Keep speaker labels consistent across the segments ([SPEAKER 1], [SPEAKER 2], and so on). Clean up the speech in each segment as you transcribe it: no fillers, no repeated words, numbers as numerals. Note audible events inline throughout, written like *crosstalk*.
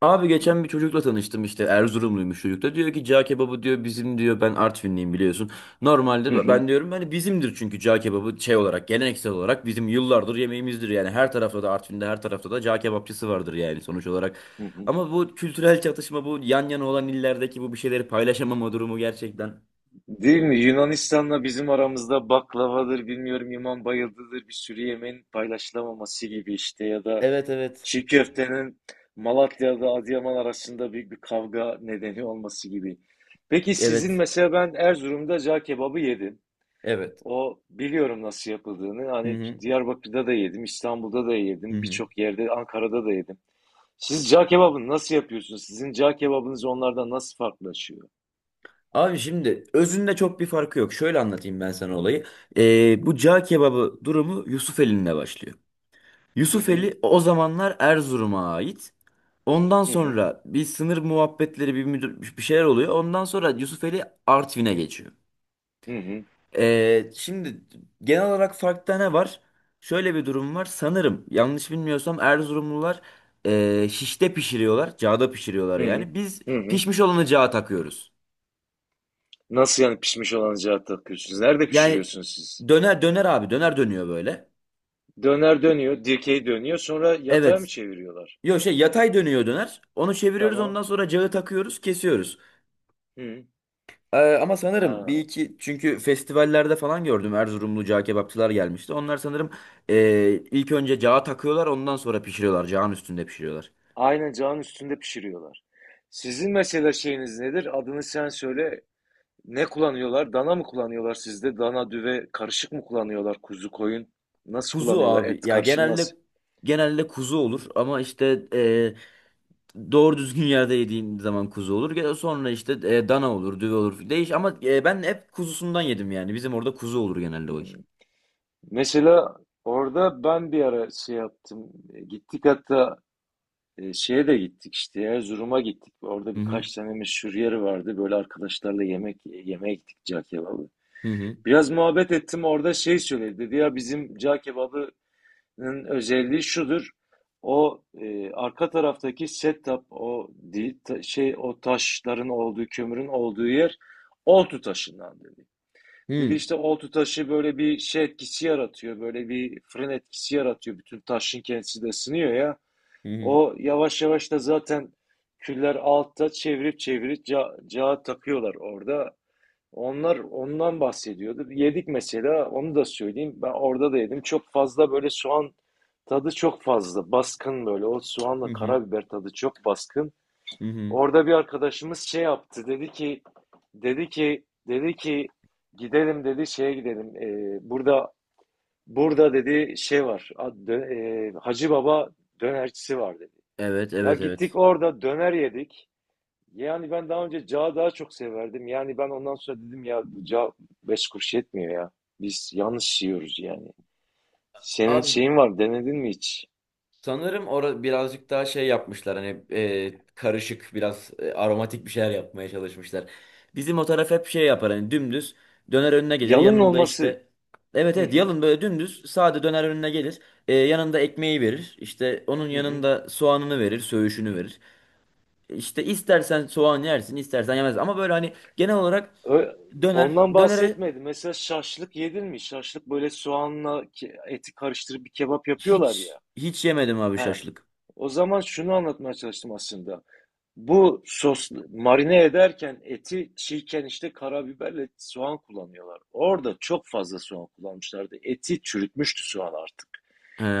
[SPEAKER 1] Abi geçen bir çocukla tanıştım işte Erzurumluymuş, çocuk da diyor ki cağ kebabı diyor bizim diyor, ben Artvinliyim biliyorsun.
[SPEAKER 2] Hı
[SPEAKER 1] Normalde
[SPEAKER 2] hı,
[SPEAKER 1] ben diyorum hani bizimdir, çünkü cağ kebabı şey olarak geleneksel olarak bizim yıllardır yemeğimizdir yani. Her tarafta da, Artvin'de her tarafta da cağ kebapçısı vardır yani sonuç olarak.
[SPEAKER 2] hı hı.
[SPEAKER 1] Ama bu kültürel çatışma, bu yan yana olan illerdeki bu bir şeyleri paylaşamama durumu gerçekten.
[SPEAKER 2] Değil mi? Yunanistan'la bizim aramızda baklavadır, bilmiyorum imam bayıldıdır bir sürü yemeğin paylaşılamaması gibi işte ya da
[SPEAKER 1] Evet, evet.
[SPEAKER 2] çiğ köftenin Malatya'da Adıyaman arasında büyük bir kavga nedeni olması gibi. Peki sizin
[SPEAKER 1] Evet.
[SPEAKER 2] mesela ben Erzurum'da cağ kebabı yedim.
[SPEAKER 1] Evet.
[SPEAKER 2] O biliyorum nasıl yapıldığını.
[SPEAKER 1] Hı
[SPEAKER 2] Hani
[SPEAKER 1] hı.
[SPEAKER 2] Diyarbakır'da da yedim, İstanbul'da da
[SPEAKER 1] Hı
[SPEAKER 2] yedim,
[SPEAKER 1] hı.
[SPEAKER 2] birçok yerde Ankara'da da yedim. Siz cağ kebabını nasıl yapıyorsunuz? Sizin cağ kebabınız onlardan nasıl farklılaşıyor?
[SPEAKER 1] Abi şimdi özünde çok bir farkı yok. Şöyle anlatayım ben sana olayı. Bu cağ kebabı durumu Yusufeli'nde başlıyor.
[SPEAKER 2] Hı hı,
[SPEAKER 1] Yusufeli o zamanlar Erzurum'a ait. Ondan
[SPEAKER 2] hı hı.
[SPEAKER 1] sonra bir sınır muhabbetleri, bir şeyler oluyor. Ondan sonra Yusufeli Artvin'e geçiyor.
[SPEAKER 2] Hı hı.
[SPEAKER 1] Şimdi genel olarak farkta ne var? Şöyle bir durum var. Sanırım yanlış bilmiyorsam Erzurumlular şişte pişiriyorlar. Cağda pişiriyorlar
[SPEAKER 2] Hı hı.
[SPEAKER 1] yani. Biz
[SPEAKER 2] Hı hı.
[SPEAKER 1] pişmiş olanı cağa takıyoruz.
[SPEAKER 2] Nasıl yani pişmiş olan cevap takıyorsunuz? Nerede
[SPEAKER 1] Yani
[SPEAKER 2] pişiriyorsunuz siz?
[SPEAKER 1] döner abi, döner dönüyor böyle.
[SPEAKER 2] Döner dönüyor, dikey dönüyor, sonra yatağa mı
[SPEAKER 1] Evet.
[SPEAKER 2] çeviriyorlar?
[SPEAKER 1] Yok şey, yatay dönüyor döner. Onu çeviriyoruz,
[SPEAKER 2] Tamam.
[SPEAKER 1] ondan sonra cağı takıyoruz, kesiyoruz.
[SPEAKER 2] Hı.
[SPEAKER 1] Ama sanırım
[SPEAKER 2] Ha.
[SPEAKER 1] bir iki, çünkü festivallerde falan gördüm, Erzurumlu cağ kebapçılar gelmişti. Onlar sanırım ilk önce cağı takıyorlar, ondan sonra pişiriyorlar. Cağın üstünde pişiriyorlar.
[SPEAKER 2] Aynen cağın üstünde pişiriyorlar. Sizin mesela şeyiniz nedir? Adını sen söyle. Ne kullanıyorlar? Dana mı kullanıyorlar sizde? Dana, düve karışık mı kullanıyorlar? Kuzu, koyun. Nasıl
[SPEAKER 1] Kuzu
[SPEAKER 2] kullanıyorlar? Et
[SPEAKER 1] abi ya,
[SPEAKER 2] karışımı nasıl?
[SPEAKER 1] genelde kuzu olur ama işte doğru düzgün yerde yediğin zaman kuzu olur. Sonra işte dana olur, düve olur. Değiş ama ben hep kuzusundan yedim yani. Bizim orada kuzu olur genelde o iş.
[SPEAKER 2] Hı. Mesela orada ben bir ara şey yaptım. Gittik hatta şeye de gittik işte Erzurum'a gittik. Orada
[SPEAKER 1] Hı hı.
[SPEAKER 2] birkaç tane meşhur yeri vardı. Böyle arkadaşlarla yemek yemeğe gittik cağ kebabı.
[SPEAKER 1] Hı hı.
[SPEAKER 2] Biraz muhabbet ettim orada şey söyledi. Dedi ya bizim cağ kebabının özelliği şudur. O arka taraftaki setup o değil, şey o taşların olduğu kömürün olduğu yer oltu taşından dedi.
[SPEAKER 1] Hı
[SPEAKER 2] Dedi
[SPEAKER 1] hı.
[SPEAKER 2] işte oltu taşı böyle bir şey etkisi yaratıyor. Böyle bir fırın etkisi yaratıyor. Bütün taşın kendisi de ısınıyor ya.
[SPEAKER 1] Hı hı.
[SPEAKER 2] O yavaş yavaş da zaten küller altta çevirip çevirip cağa takıyorlar orada. Onlar ondan bahsediyordu. Yedik mesela onu da söyleyeyim. Ben orada da yedim. Çok fazla böyle soğan tadı çok fazla. Baskın böyle. O
[SPEAKER 1] Hı
[SPEAKER 2] soğanla
[SPEAKER 1] hı.
[SPEAKER 2] karabiber tadı çok baskın.
[SPEAKER 1] Hı hı.
[SPEAKER 2] Orada bir arkadaşımız şey yaptı. Dedi ki gidelim dedi şeye gidelim. Burada dedi şey var. Hacı Baba dönercisi var dedi.
[SPEAKER 1] Evet,
[SPEAKER 2] Ya
[SPEAKER 1] evet,
[SPEAKER 2] gittik
[SPEAKER 1] evet.
[SPEAKER 2] orada döner yedik. Yani ben daha önce cağı daha çok severdim. Yani ben ondan sonra dedim ya bu cağ beş kuruş yetmiyor ya. Biz yanlış yiyoruz yani. Senin
[SPEAKER 1] Abi
[SPEAKER 2] şeyin var denedin mi hiç?
[SPEAKER 1] sanırım orada birazcık daha şey yapmışlar, hani karışık biraz aromatik bir şeyler yapmaya çalışmışlar. Bizim o taraf hep şey yapar, hani dümdüz döner önüne gelir,
[SPEAKER 2] Yalın
[SPEAKER 1] yanında
[SPEAKER 2] olması.
[SPEAKER 1] işte evet
[SPEAKER 2] Hı
[SPEAKER 1] evet
[SPEAKER 2] hı,
[SPEAKER 1] yalın, böyle dümdüz sade döner önüne gelir. Yanında ekmeği verir işte, onun
[SPEAKER 2] hı hı.
[SPEAKER 1] yanında soğanını verir, söğüşünü verir. İşte istersen soğan yersin istersen yemez, ama böyle hani genel olarak
[SPEAKER 2] Ö-
[SPEAKER 1] döner
[SPEAKER 2] Ondan
[SPEAKER 1] dönere
[SPEAKER 2] bahsetmedim. Mesela şaşlık yedin mi? Şaşlık böyle soğanla eti karıştırıp bir kebap yapıyorlar
[SPEAKER 1] hiç,
[SPEAKER 2] ya.
[SPEAKER 1] hiç yemedim abi
[SPEAKER 2] He.
[SPEAKER 1] şaşlık.
[SPEAKER 2] O zaman şunu anlatmaya çalıştım aslında. Bu sos marine ederken eti çiğken işte karabiberle soğan kullanıyorlar. Orada çok fazla soğan kullanmışlardı. Eti çürütmüştü soğan artık.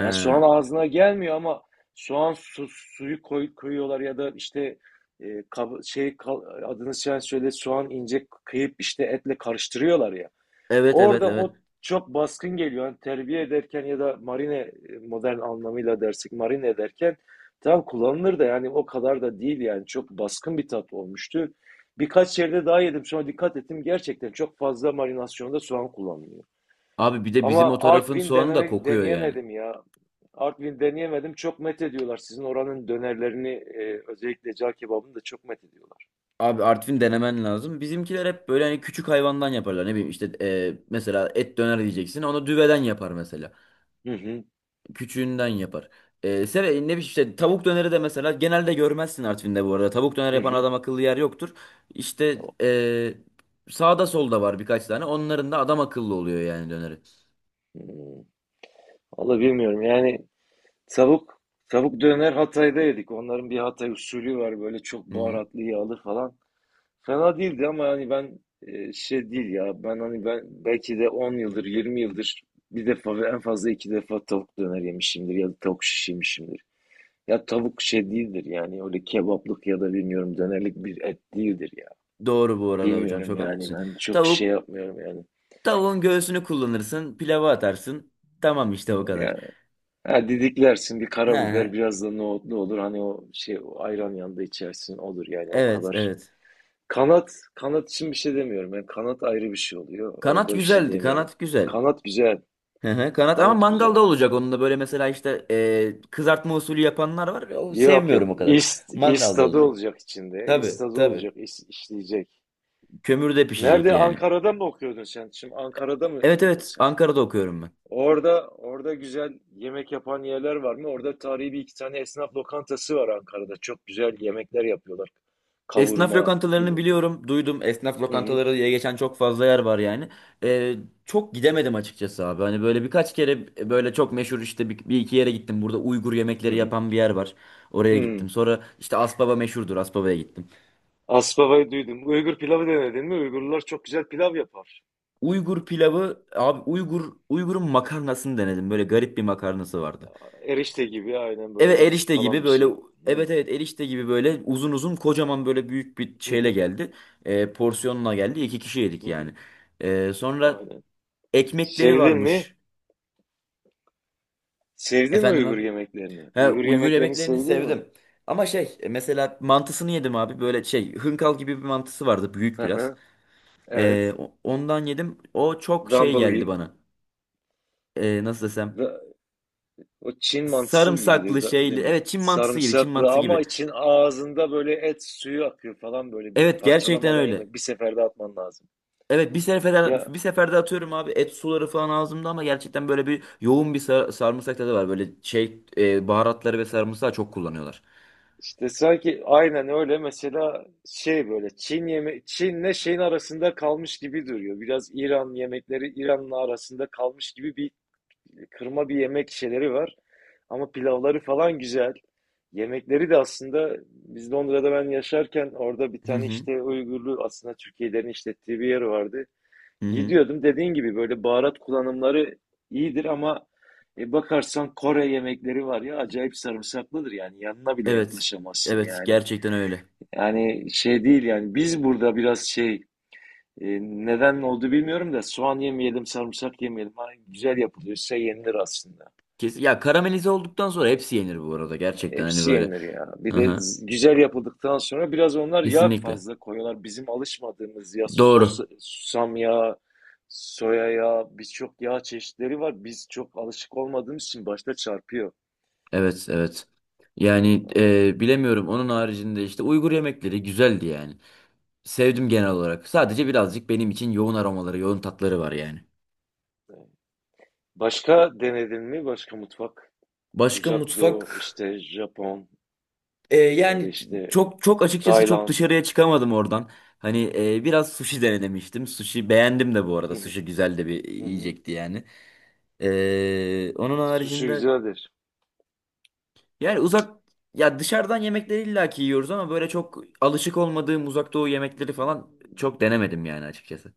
[SPEAKER 2] Yani soğan ağzına gelmiyor ama koyuyorlar ya da işte e, kab- şey kal- adını sen söyle soğan ince kıyıp işte etle karıştırıyorlar ya.
[SPEAKER 1] evet, evet,
[SPEAKER 2] Orada
[SPEAKER 1] evet.
[SPEAKER 2] o çok baskın geliyor. Yani terbiye ederken ya da modern anlamıyla dersek marine ederken tam kullanılır da yani o kadar da değil yani çok baskın bir tat olmuştu. Birkaç yerde daha yedim sonra dikkat ettim gerçekten çok fazla marinasyonda soğan kullanılıyor.
[SPEAKER 1] Abi bir de bizim o
[SPEAKER 2] Ama
[SPEAKER 1] tarafın
[SPEAKER 2] Artvin
[SPEAKER 1] soğanı da
[SPEAKER 2] denemek
[SPEAKER 1] kokuyor yani.
[SPEAKER 2] deneyemedim ya. Artvin deneyemedim. Çok met ediyorlar. Sizin oranın dönerlerini özellikle cağ kebabını da çok met ediyorlar.
[SPEAKER 1] Abi Artvin denemen lazım. Bizimkiler hep böyle hani küçük hayvandan yaparlar. Ne bileyim işte mesela et döner diyeceksin, onu düveden yapar mesela.
[SPEAKER 2] Hı hı.
[SPEAKER 1] Küçüğünden yapar. Ne bileyim işte tavuk döneri de mesela genelde görmezsin Artvin'de bu arada. Tavuk döner
[SPEAKER 2] Hı
[SPEAKER 1] yapan
[SPEAKER 2] hı.
[SPEAKER 1] adam akıllı yer yoktur. İşte sağda solda var birkaç tane. Onların da adam akıllı oluyor yani döneri.
[SPEAKER 2] Hı. Vallahi bilmiyorum yani. Tavuk, tavuk döner Hatay'da yedik. Onların bir Hatay usulü var böyle çok
[SPEAKER 1] Hı hı.
[SPEAKER 2] baharatlı yağlı falan. Fena değildi ama hani şey değil ya. Ben belki de 10 yıldır 20 yıldır bir defa ve en fazla iki defa tavuk döner yemişimdir ya da tavuk şiş yemişimdir. Ya tavuk şey değildir yani öyle kebaplık ya da bilmiyorum dönerlik bir et değildir ya.
[SPEAKER 1] Doğru bu arada hocam,
[SPEAKER 2] Bilmiyorum
[SPEAKER 1] çok
[SPEAKER 2] yani
[SPEAKER 1] haklısın.
[SPEAKER 2] ben çok şey
[SPEAKER 1] Tavuk,
[SPEAKER 2] yapmıyorum yani.
[SPEAKER 1] tavuğun göğsünü kullanırsın, pilava atarsın. Tamam işte o kadar.
[SPEAKER 2] Yani ha, didiklersin bir
[SPEAKER 1] He, he.
[SPEAKER 2] karabiber biraz da nohutlu olur. Hani o şey o ayran yanında içersin olur yani o
[SPEAKER 1] Evet,
[SPEAKER 2] kadar.
[SPEAKER 1] evet.
[SPEAKER 2] Kanat için bir şey demiyorum. Yani kanat ayrı bir şey oluyor.
[SPEAKER 1] Kanat
[SPEAKER 2] Orada bir şey
[SPEAKER 1] güzeldi.
[SPEAKER 2] diyemiyorum.
[SPEAKER 1] Kanat güzel.
[SPEAKER 2] Kanat güzel.
[SPEAKER 1] Hı hı. Kanat ama
[SPEAKER 2] Kanat güzel.
[SPEAKER 1] mangalda olacak, onun da böyle mesela işte kızartma usulü yapanlar var. O,
[SPEAKER 2] Yok yok.
[SPEAKER 1] sevmiyorum o kadar. Mangalda
[SPEAKER 2] İstadı
[SPEAKER 1] olacak.
[SPEAKER 2] olacak içinde.
[SPEAKER 1] Tabii,
[SPEAKER 2] İstadı
[SPEAKER 1] tabii.
[SPEAKER 2] olacak. İşleyecek.
[SPEAKER 1] Kömürde pişecek
[SPEAKER 2] Nerede?
[SPEAKER 1] yani.
[SPEAKER 2] Ankara'da mı okuyordun sen? Şimdi Ankara'da
[SPEAKER 1] Evet,
[SPEAKER 2] mıydın
[SPEAKER 1] evet,
[SPEAKER 2] sen?
[SPEAKER 1] Ankara'da okuyorum ben.
[SPEAKER 2] Orada güzel yemek yapan yerler var mı? Orada tarihi bir iki tane esnaf lokantası var Ankara'da. Çok güzel yemekler yapıyorlar.
[SPEAKER 1] Esnaf
[SPEAKER 2] Kavurma, pil.
[SPEAKER 1] lokantalarını biliyorum, duydum. Esnaf
[SPEAKER 2] Hı hı.
[SPEAKER 1] lokantaları diye geçen çok fazla yer var yani. Ee, Çok gidemedim açıkçası abi. Hani böyle birkaç kere böyle çok meşhur işte bir iki yere gittim. Burada Uygur
[SPEAKER 2] Hı
[SPEAKER 1] yemekleri
[SPEAKER 2] hı.
[SPEAKER 1] yapan bir yer var. Oraya gittim.
[SPEAKER 2] Hı.
[SPEAKER 1] Sonra işte Aspava meşhurdur, Aspava'ya gittim.
[SPEAKER 2] Aspava'yı duydum. Uygur pilavı denedin mi? Uygurlar çok güzel pilav yapar.
[SPEAKER 1] Uygur pilavı abi, Uygur'un makarnasını denedim. Böyle garip bir makarnası vardı.
[SPEAKER 2] Erişte gibi aynen böyle
[SPEAKER 1] Evet,
[SPEAKER 2] yatsı
[SPEAKER 1] erişte
[SPEAKER 2] falan
[SPEAKER 1] gibi
[SPEAKER 2] bir
[SPEAKER 1] böyle,
[SPEAKER 2] şey. Hı,
[SPEAKER 1] evet evet erişte gibi böyle uzun uzun kocaman böyle büyük bir
[SPEAKER 2] hı,
[SPEAKER 1] şeyle
[SPEAKER 2] hı,
[SPEAKER 1] geldi. Porsiyonla geldi. İki kişi yedik
[SPEAKER 2] hı, hı.
[SPEAKER 1] yani. Sonra
[SPEAKER 2] Aynen.
[SPEAKER 1] ekmekleri
[SPEAKER 2] Sevdin mi?
[SPEAKER 1] varmış.
[SPEAKER 2] Sevdin mi
[SPEAKER 1] Efendim
[SPEAKER 2] Uygur
[SPEAKER 1] abi.
[SPEAKER 2] yemeklerini?
[SPEAKER 1] He,
[SPEAKER 2] Uygur
[SPEAKER 1] Uygur
[SPEAKER 2] yemeklerini
[SPEAKER 1] yemeklerini
[SPEAKER 2] sevdin mi?
[SPEAKER 1] sevdim. Ama şey mesela mantısını yedim abi. Böyle şey hınkal gibi bir mantısı vardı.
[SPEAKER 2] Hı
[SPEAKER 1] Büyük biraz.
[SPEAKER 2] hı. Evet.
[SPEAKER 1] Ondan yedim. O çok şey
[SPEAKER 2] Dumble
[SPEAKER 1] geldi
[SPEAKER 2] gibi.
[SPEAKER 1] bana. Nasıl desem.
[SPEAKER 2] Da- O Çin mantısı gibidir
[SPEAKER 1] Sarımsaklı şeyli.
[SPEAKER 2] dumble.
[SPEAKER 1] Evet, Çin mantısı gibi. Çin
[SPEAKER 2] Sarımsaklı
[SPEAKER 1] mantısı
[SPEAKER 2] ama
[SPEAKER 1] gibi.
[SPEAKER 2] için ağzında böyle et suyu akıyor falan böyle bir
[SPEAKER 1] Evet gerçekten
[SPEAKER 2] parçalamadan
[SPEAKER 1] öyle.
[SPEAKER 2] yemek. Bir seferde atman lazım.
[SPEAKER 1] Evet,
[SPEAKER 2] Ya
[SPEAKER 1] bir seferde atıyorum abi, et suları falan ağzımda, ama gerçekten böyle bir yoğun bir sarımsak tadı var. Böyle şey baharatları ve sarımsağı çok kullanıyorlar.
[SPEAKER 2] İşte sanki aynen öyle mesela şey böyle Çin'le şeyin arasında kalmış gibi duruyor. Biraz İran yemekleri İran'la arasında kalmış gibi bir kırma bir yemek şeyleri var. Ama pilavları falan güzel. Yemekleri de aslında Londra'da ben yaşarken orada bir
[SPEAKER 1] Hı
[SPEAKER 2] tane
[SPEAKER 1] hı.
[SPEAKER 2] işte Uygurlu aslında Türkiye'lerin işlettiği bir yer vardı.
[SPEAKER 1] Hı hı.
[SPEAKER 2] Gidiyordum dediğin gibi böyle baharat kullanımları iyidir ama bakarsan Kore yemekleri var ya acayip sarımsaklıdır yani yanına bile
[SPEAKER 1] Evet.
[SPEAKER 2] yaklaşamazsın
[SPEAKER 1] Evet
[SPEAKER 2] yani.
[SPEAKER 1] gerçekten öyle.
[SPEAKER 2] Yani şey değil yani biz burada biraz neden oldu bilmiyorum da soğan yemeyelim sarımsak yemeyelim. Ha, güzel yapılıyorsa yenilir aslında.
[SPEAKER 1] Kes ya, karamelize olduktan sonra hepsi yenir bu arada, gerçekten hani
[SPEAKER 2] Hepsi
[SPEAKER 1] böyle.
[SPEAKER 2] yenilir ya. Bir
[SPEAKER 1] Hı
[SPEAKER 2] de
[SPEAKER 1] hı.
[SPEAKER 2] güzel yapıldıktan sonra biraz onlar yağ
[SPEAKER 1] Kesinlikle.
[SPEAKER 2] fazla koyuyorlar. Bizim alışmadığımız ya
[SPEAKER 1] Doğru.
[SPEAKER 2] susam yağı, soya yağı, birçok yağ çeşitleri var. Biz çok alışık olmadığımız için başta çarpıyor.
[SPEAKER 1] Evet, evet. Yani
[SPEAKER 2] Aldık.
[SPEAKER 1] bilemiyorum, onun haricinde işte Uygur yemekleri güzeldi yani. Sevdim genel olarak. Sadece birazcık benim için yoğun aromaları, yoğun tatları var yani.
[SPEAKER 2] Başka denedin mi? Başka mutfak?
[SPEAKER 1] Başka
[SPEAKER 2] Uzak Doğu,
[SPEAKER 1] mutfak
[SPEAKER 2] işte Japon ya
[SPEAKER 1] yani
[SPEAKER 2] da işte
[SPEAKER 1] çok açıkçası çok
[SPEAKER 2] Tayland.
[SPEAKER 1] dışarıya çıkamadım oradan. Hani biraz sushi denemiştim. Sushi beğendim de bu arada.
[SPEAKER 2] Hı hı,
[SPEAKER 1] Sushi güzel de bir
[SPEAKER 2] hı hı.
[SPEAKER 1] yiyecekti yani. Onun
[SPEAKER 2] Sushi
[SPEAKER 1] haricinde
[SPEAKER 2] güzeldir.
[SPEAKER 1] yani uzak, ya dışarıdan yemekleri illaki yiyoruz ama böyle çok alışık olmadığım uzak doğu yemekleri falan çok denemedim yani açıkçası.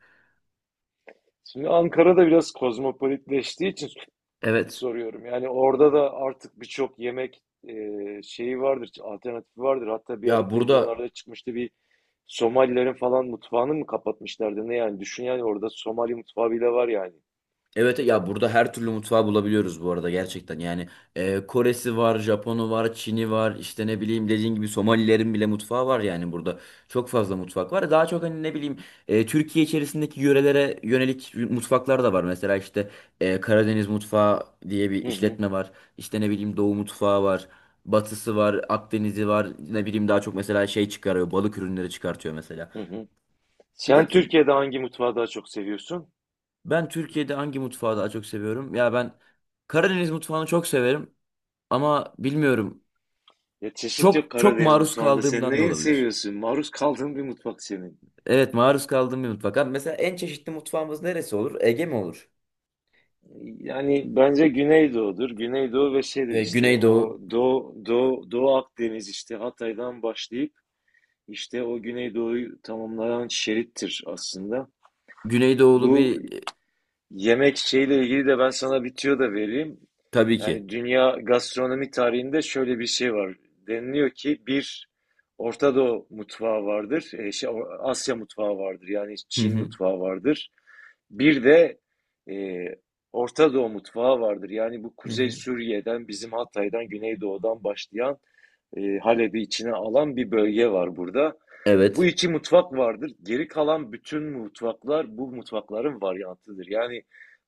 [SPEAKER 2] Şimdi Ankara'da biraz kozmopolitleştiği için
[SPEAKER 1] Evet.
[SPEAKER 2] soruyorum. Yani orada da artık birçok e, şeyi vardır, alternatifi vardır. Hatta bir ara
[SPEAKER 1] Ya burada,
[SPEAKER 2] televizyonlarda çıkmıştı bir Somalilerin falan mutfağını mı kapatmışlardı ne yani? Düşün yani orada Somali mutfağı bile var yani.
[SPEAKER 1] evet ya burada her türlü mutfağı bulabiliyoruz bu arada gerçekten. Yani Koresi var, Japonu var, Çin'i var, işte ne bileyim dediğin gibi Somalilerin bile mutfağı var yani burada. Çok fazla mutfak var. Daha çok hani ne bileyim Türkiye içerisindeki yörelere yönelik mutfaklar da var. Mesela işte Karadeniz mutfağı diye bir
[SPEAKER 2] Hı hı,
[SPEAKER 1] işletme var. İşte ne bileyim Doğu mutfağı var. Batısı var, Akdeniz'i var. Ne bileyim daha çok mesela şey çıkarıyor, balık ürünleri çıkartıyor mesela.
[SPEAKER 2] hı hı.
[SPEAKER 1] Bir de
[SPEAKER 2] Sen Türkiye'de hangi mutfağı daha çok seviyorsun?
[SPEAKER 1] ben Türkiye'de hangi mutfağı daha çok seviyorum? Ya ben Karadeniz mutfağını çok severim ama bilmiyorum.
[SPEAKER 2] Ya çeşit yok
[SPEAKER 1] Çok çok
[SPEAKER 2] Karadeniz
[SPEAKER 1] maruz
[SPEAKER 2] mutfağında. Sen
[SPEAKER 1] kaldığımdan da
[SPEAKER 2] neyi
[SPEAKER 1] olabilir.
[SPEAKER 2] seviyorsun? Maruz kaldığın bir mutfak senin.
[SPEAKER 1] Evet, maruz kaldığım bir mutfak. Abi mesela en çeşitli mutfağımız neresi olur? Ege mi olur?
[SPEAKER 2] Yani bence Güneydoğu'dur. Güneydoğu ve şeydir
[SPEAKER 1] E,
[SPEAKER 2] işte o
[SPEAKER 1] Güneydoğu.
[SPEAKER 2] Doğu Akdeniz işte Hatay'dan başlayıp İşte o Güneydoğu'yu tamamlayan şerittir aslında.
[SPEAKER 1] Güneydoğulu
[SPEAKER 2] Bu
[SPEAKER 1] bir
[SPEAKER 2] yemek şeyle ilgili de ben sana bir tüyo da vereyim.
[SPEAKER 1] tabii ki.
[SPEAKER 2] Yani dünya gastronomi tarihinde şöyle bir şey var. Deniliyor ki bir Orta Doğu mutfağı vardır, Asya mutfağı vardır yani
[SPEAKER 1] Hı
[SPEAKER 2] Çin
[SPEAKER 1] hı.
[SPEAKER 2] mutfağı vardır. Bir de e, Orta Doğu mutfağı vardır. Yani bu
[SPEAKER 1] Hı
[SPEAKER 2] Kuzey
[SPEAKER 1] hı.
[SPEAKER 2] Suriye'den, bizim Hatay'dan, Güneydoğu'dan başlayan Halep'i içine alan bir bölge var burada. Bu
[SPEAKER 1] Evet.
[SPEAKER 2] iki mutfak vardır. Geri kalan bütün mutfaklar bu mutfakların varyantıdır. Yani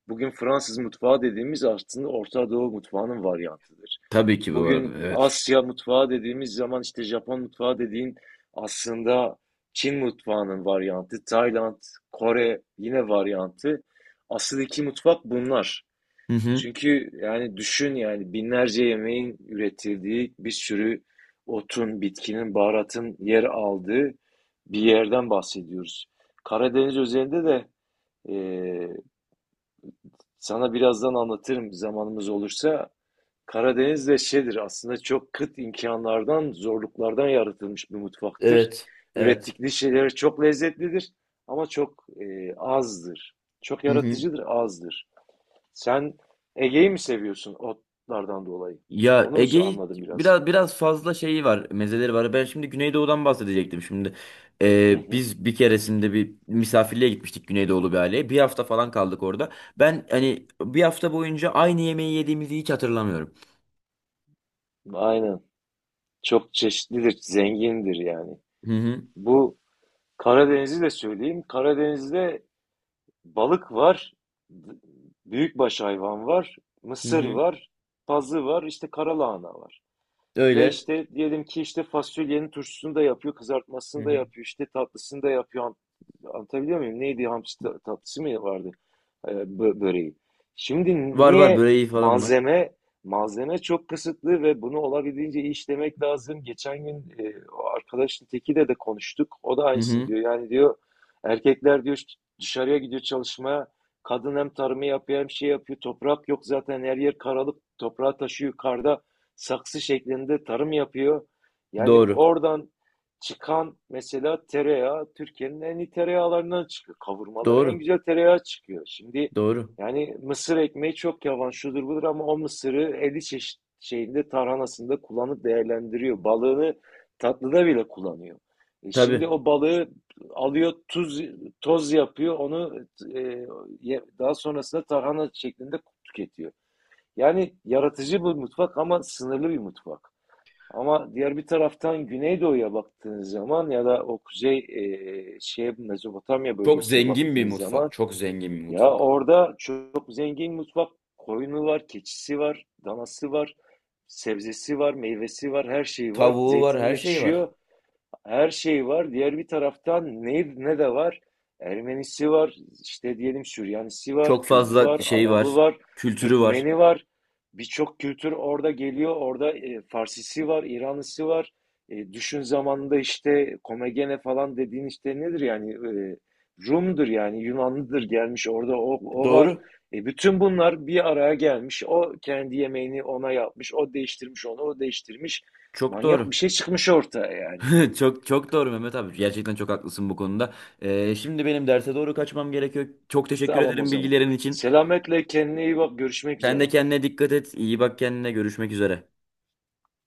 [SPEAKER 2] bugün Fransız mutfağı dediğimiz aslında Orta Doğu mutfağının varyantıdır.
[SPEAKER 1] Tabii ki bu arada.
[SPEAKER 2] Bugün
[SPEAKER 1] Evet.
[SPEAKER 2] Asya mutfağı dediğimiz zaman işte Japon mutfağı dediğin aslında Çin mutfağının varyantı, Tayland, Kore yine varyantı. Asıl iki mutfak bunlar.
[SPEAKER 1] Hı hı.
[SPEAKER 2] Çünkü yani düşün yani binlerce yemeğin üretildiği bir sürü otun, bitkinin, baharatın yer aldığı bir yerden bahsediyoruz. Karadeniz üzerinde de e, sana birazdan anlatırım zamanımız olursa. Karadeniz de şeydir aslında çok kıt imkanlardan, zorluklardan yaratılmış bir mutfaktır.
[SPEAKER 1] Evet. Evet.
[SPEAKER 2] Ürettikleri şeyler çok lezzetlidir ama azdır. Çok
[SPEAKER 1] Hı hı.
[SPEAKER 2] yaratıcıdır, azdır. Sen Ege'yi mi seviyorsun otlardan dolayı?
[SPEAKER 1] Ya
[SPEAKER 2] Onu mu
[SPEAKER 1] Ege'yi
[SPEAKER 2] anladım biraz?
[SPEAKER 1] biraz, biraz fazla şeyi var, mezeleri var. Ben şimdi Güneydoğu'dan bahsedecektim şimdi.
[SPEAKER 2] Hı hı.
[SPEAKER 1] Biz bir keresinde bir misafirliğe gitmiştik, Güneydoğulu bir aileye. Bir hafta falan kaldık orada. Ben hani bir hafta boyunca aynı yemeği yediğimizi hiç hatırlamıyorum.
[SPEAKER 2] Aynen. Çok çeşitlidir, zengindir yani.
[SPEAKER 1] Hı hı.
[SPEAKER 2] Bu Karadeniz'i de söyleyeyim. Karadeniz'de balık var, b- büyükbaş hayvan var,
[SPEAKER 1] Hı
[SPEAKER 2] mısır
[SPEAKER 1] hı.
[SPEAKER 2] var, pazı var, işte karalahana var. Ve
[SPEAKER 1] Öyle.
[SPEAKER 2] işte diyelim ki işte fasulyenin turşusunu da yapıyor,
[SPEAKER 1] Hı
[SPEAKER 2] kızartmasını da
[SPEAKER 1] hı.
[SPEAKER 2] yapıyor, işte tatlısını da yapıyor. Anlatabiliyor muyum? Neydi hamsi tatlısı mı vardı böreği? Şimdi
[SPEAKER 1] Var, var
[SPEAKER 2] niye
[SPEAKER 1] böreği falan var.
[SPEAKER 2] malzeme malzeme çok kısıtlı ve bunu olabildiğince iyi işlemek lazım. Geçen o arkadaşın tekiyle de konuştuk. O da
[SPEAKER 1] Hı
[SPEAKER 2] aynısını
[SPEAKER 1] hı.
[SPEAKER 2] diyor. Yani diyor erkekler diyor dışarıya gidiyor çalışmaya. Kadın hem tarımı yapıyor hem şey yapıyor. Toprak yok zaten her yer karalık. Toprağı taşıyor karda saksı şeklinde tarım yapıyor. Yani
[SPEAKER 1] Doğru.
[SPEAKER 2] oradan çıkan mesela tereyağı Türkiye'nin en iyi tereyağlarından çıkıyor. Kavurmalar en
[SPEAKER 1] Doğru.
[SPEAKER 2] güzel tereyağı çıkıyor. Şimdi
[SPEAKER 1] Doğru.
[SPEAKER 2] yani mısır ekmeği çok yavan şudur budur ama o mısırı 50 çeşit şeyinde tarhanasında kullanıp değerlendiriyor. Balığını tatlıda bile kullanıyor. E şimdi
[SPEAKER 1] Tabii.
[SPEAKER 2] o balığı alıyor tuz toz yapıyor onu e, daha sonrasında tarhana şeklinde tüketiyor. Yani yaratıcı bir mutfak ama sınırlı bir mutfak. Ama diğer bir taraftan Güneydoğu'ya baktığınız zaman ya da o kuzey e, şey Mezopotamya
[SPEAKER 1] Çok
[SPEAKER 2] bölgesine
[SPEAKER 1] zengin bir
[SPEAKER 2] baktığınız zaman
[SPEAKER 1] mutfak. Çok zengin bir
[SPEAKER 2] ya
[SPEAKER 1] mutfak.
[SPEAKER 2] orada çok zengin mutfak koyunu var, keçisi var, danası var, sebzesi var, meyvesi var, her şeyi var.
[SPEAKER 1] Tavuğu var,
[SPEAKER 2] Zeytini
[SPEAKER 1] her şey var.
[SPEAKER 2] yetişiyor her şey var. Diğer bir taraftan ne de var? Ermenisi var, işte diyelim Süryanisi var,
[SPEAKER 1] Çok
[SPEAKER 2] Kürdü
[SPEAKER 1] fazla
[SPEAKER 2] var,
[SPEAKER 1] şey
[SPEAKER 2] Arabı
[SPEAKER 1] var,
[SPEAKER 2] var,
[SPEAKER 1] kültürü var.
[SPEAKER 2] Türkmeni var. Birçok kültür orada geliyor. Orada Farsisi var, İranlısı var. E, düşün zamanında işte Komagene falan dediğin işte nedir yani? E, Rum'dur yani Yunanlıdır gelmiş orada o var.
[SPEAKER 1] Doğru.
[SPEAKER 2] E, bütün bunlar bir araya gelmiş. O kendi yemeğini ona yapmış, o değiştirmiş onu, o değiştirmiş.
[SPEAKER 1] Çok
[SPEAKER 2] Manyak bir
[SPEAKER 1] doğru.
[SPEAKER 2] şey çıkmış ortaya yani.
[SPEAKER 1] *laughs* Çok çok doğru Mehmet abi. Gerçekten çok haklısın bu konuda. Şimdi benim derse doğru kaçmam gerekiyor. Çok teşekkür
[SPEAKER 2] Tamam o
[SPEAKER 1] ederim
[SPEAKER 2] zaman.
[SPEAKER 1] bilgilerin için.
[SPEAKER 2] Selametle kendine iyi bak. Görüşmek
[SPEAKER 1] Sen de
[SPEAKER 2] üzere.
[SPEAKER 1] kendine dikkat et. İyi bak kendine. Görüşmek üzere.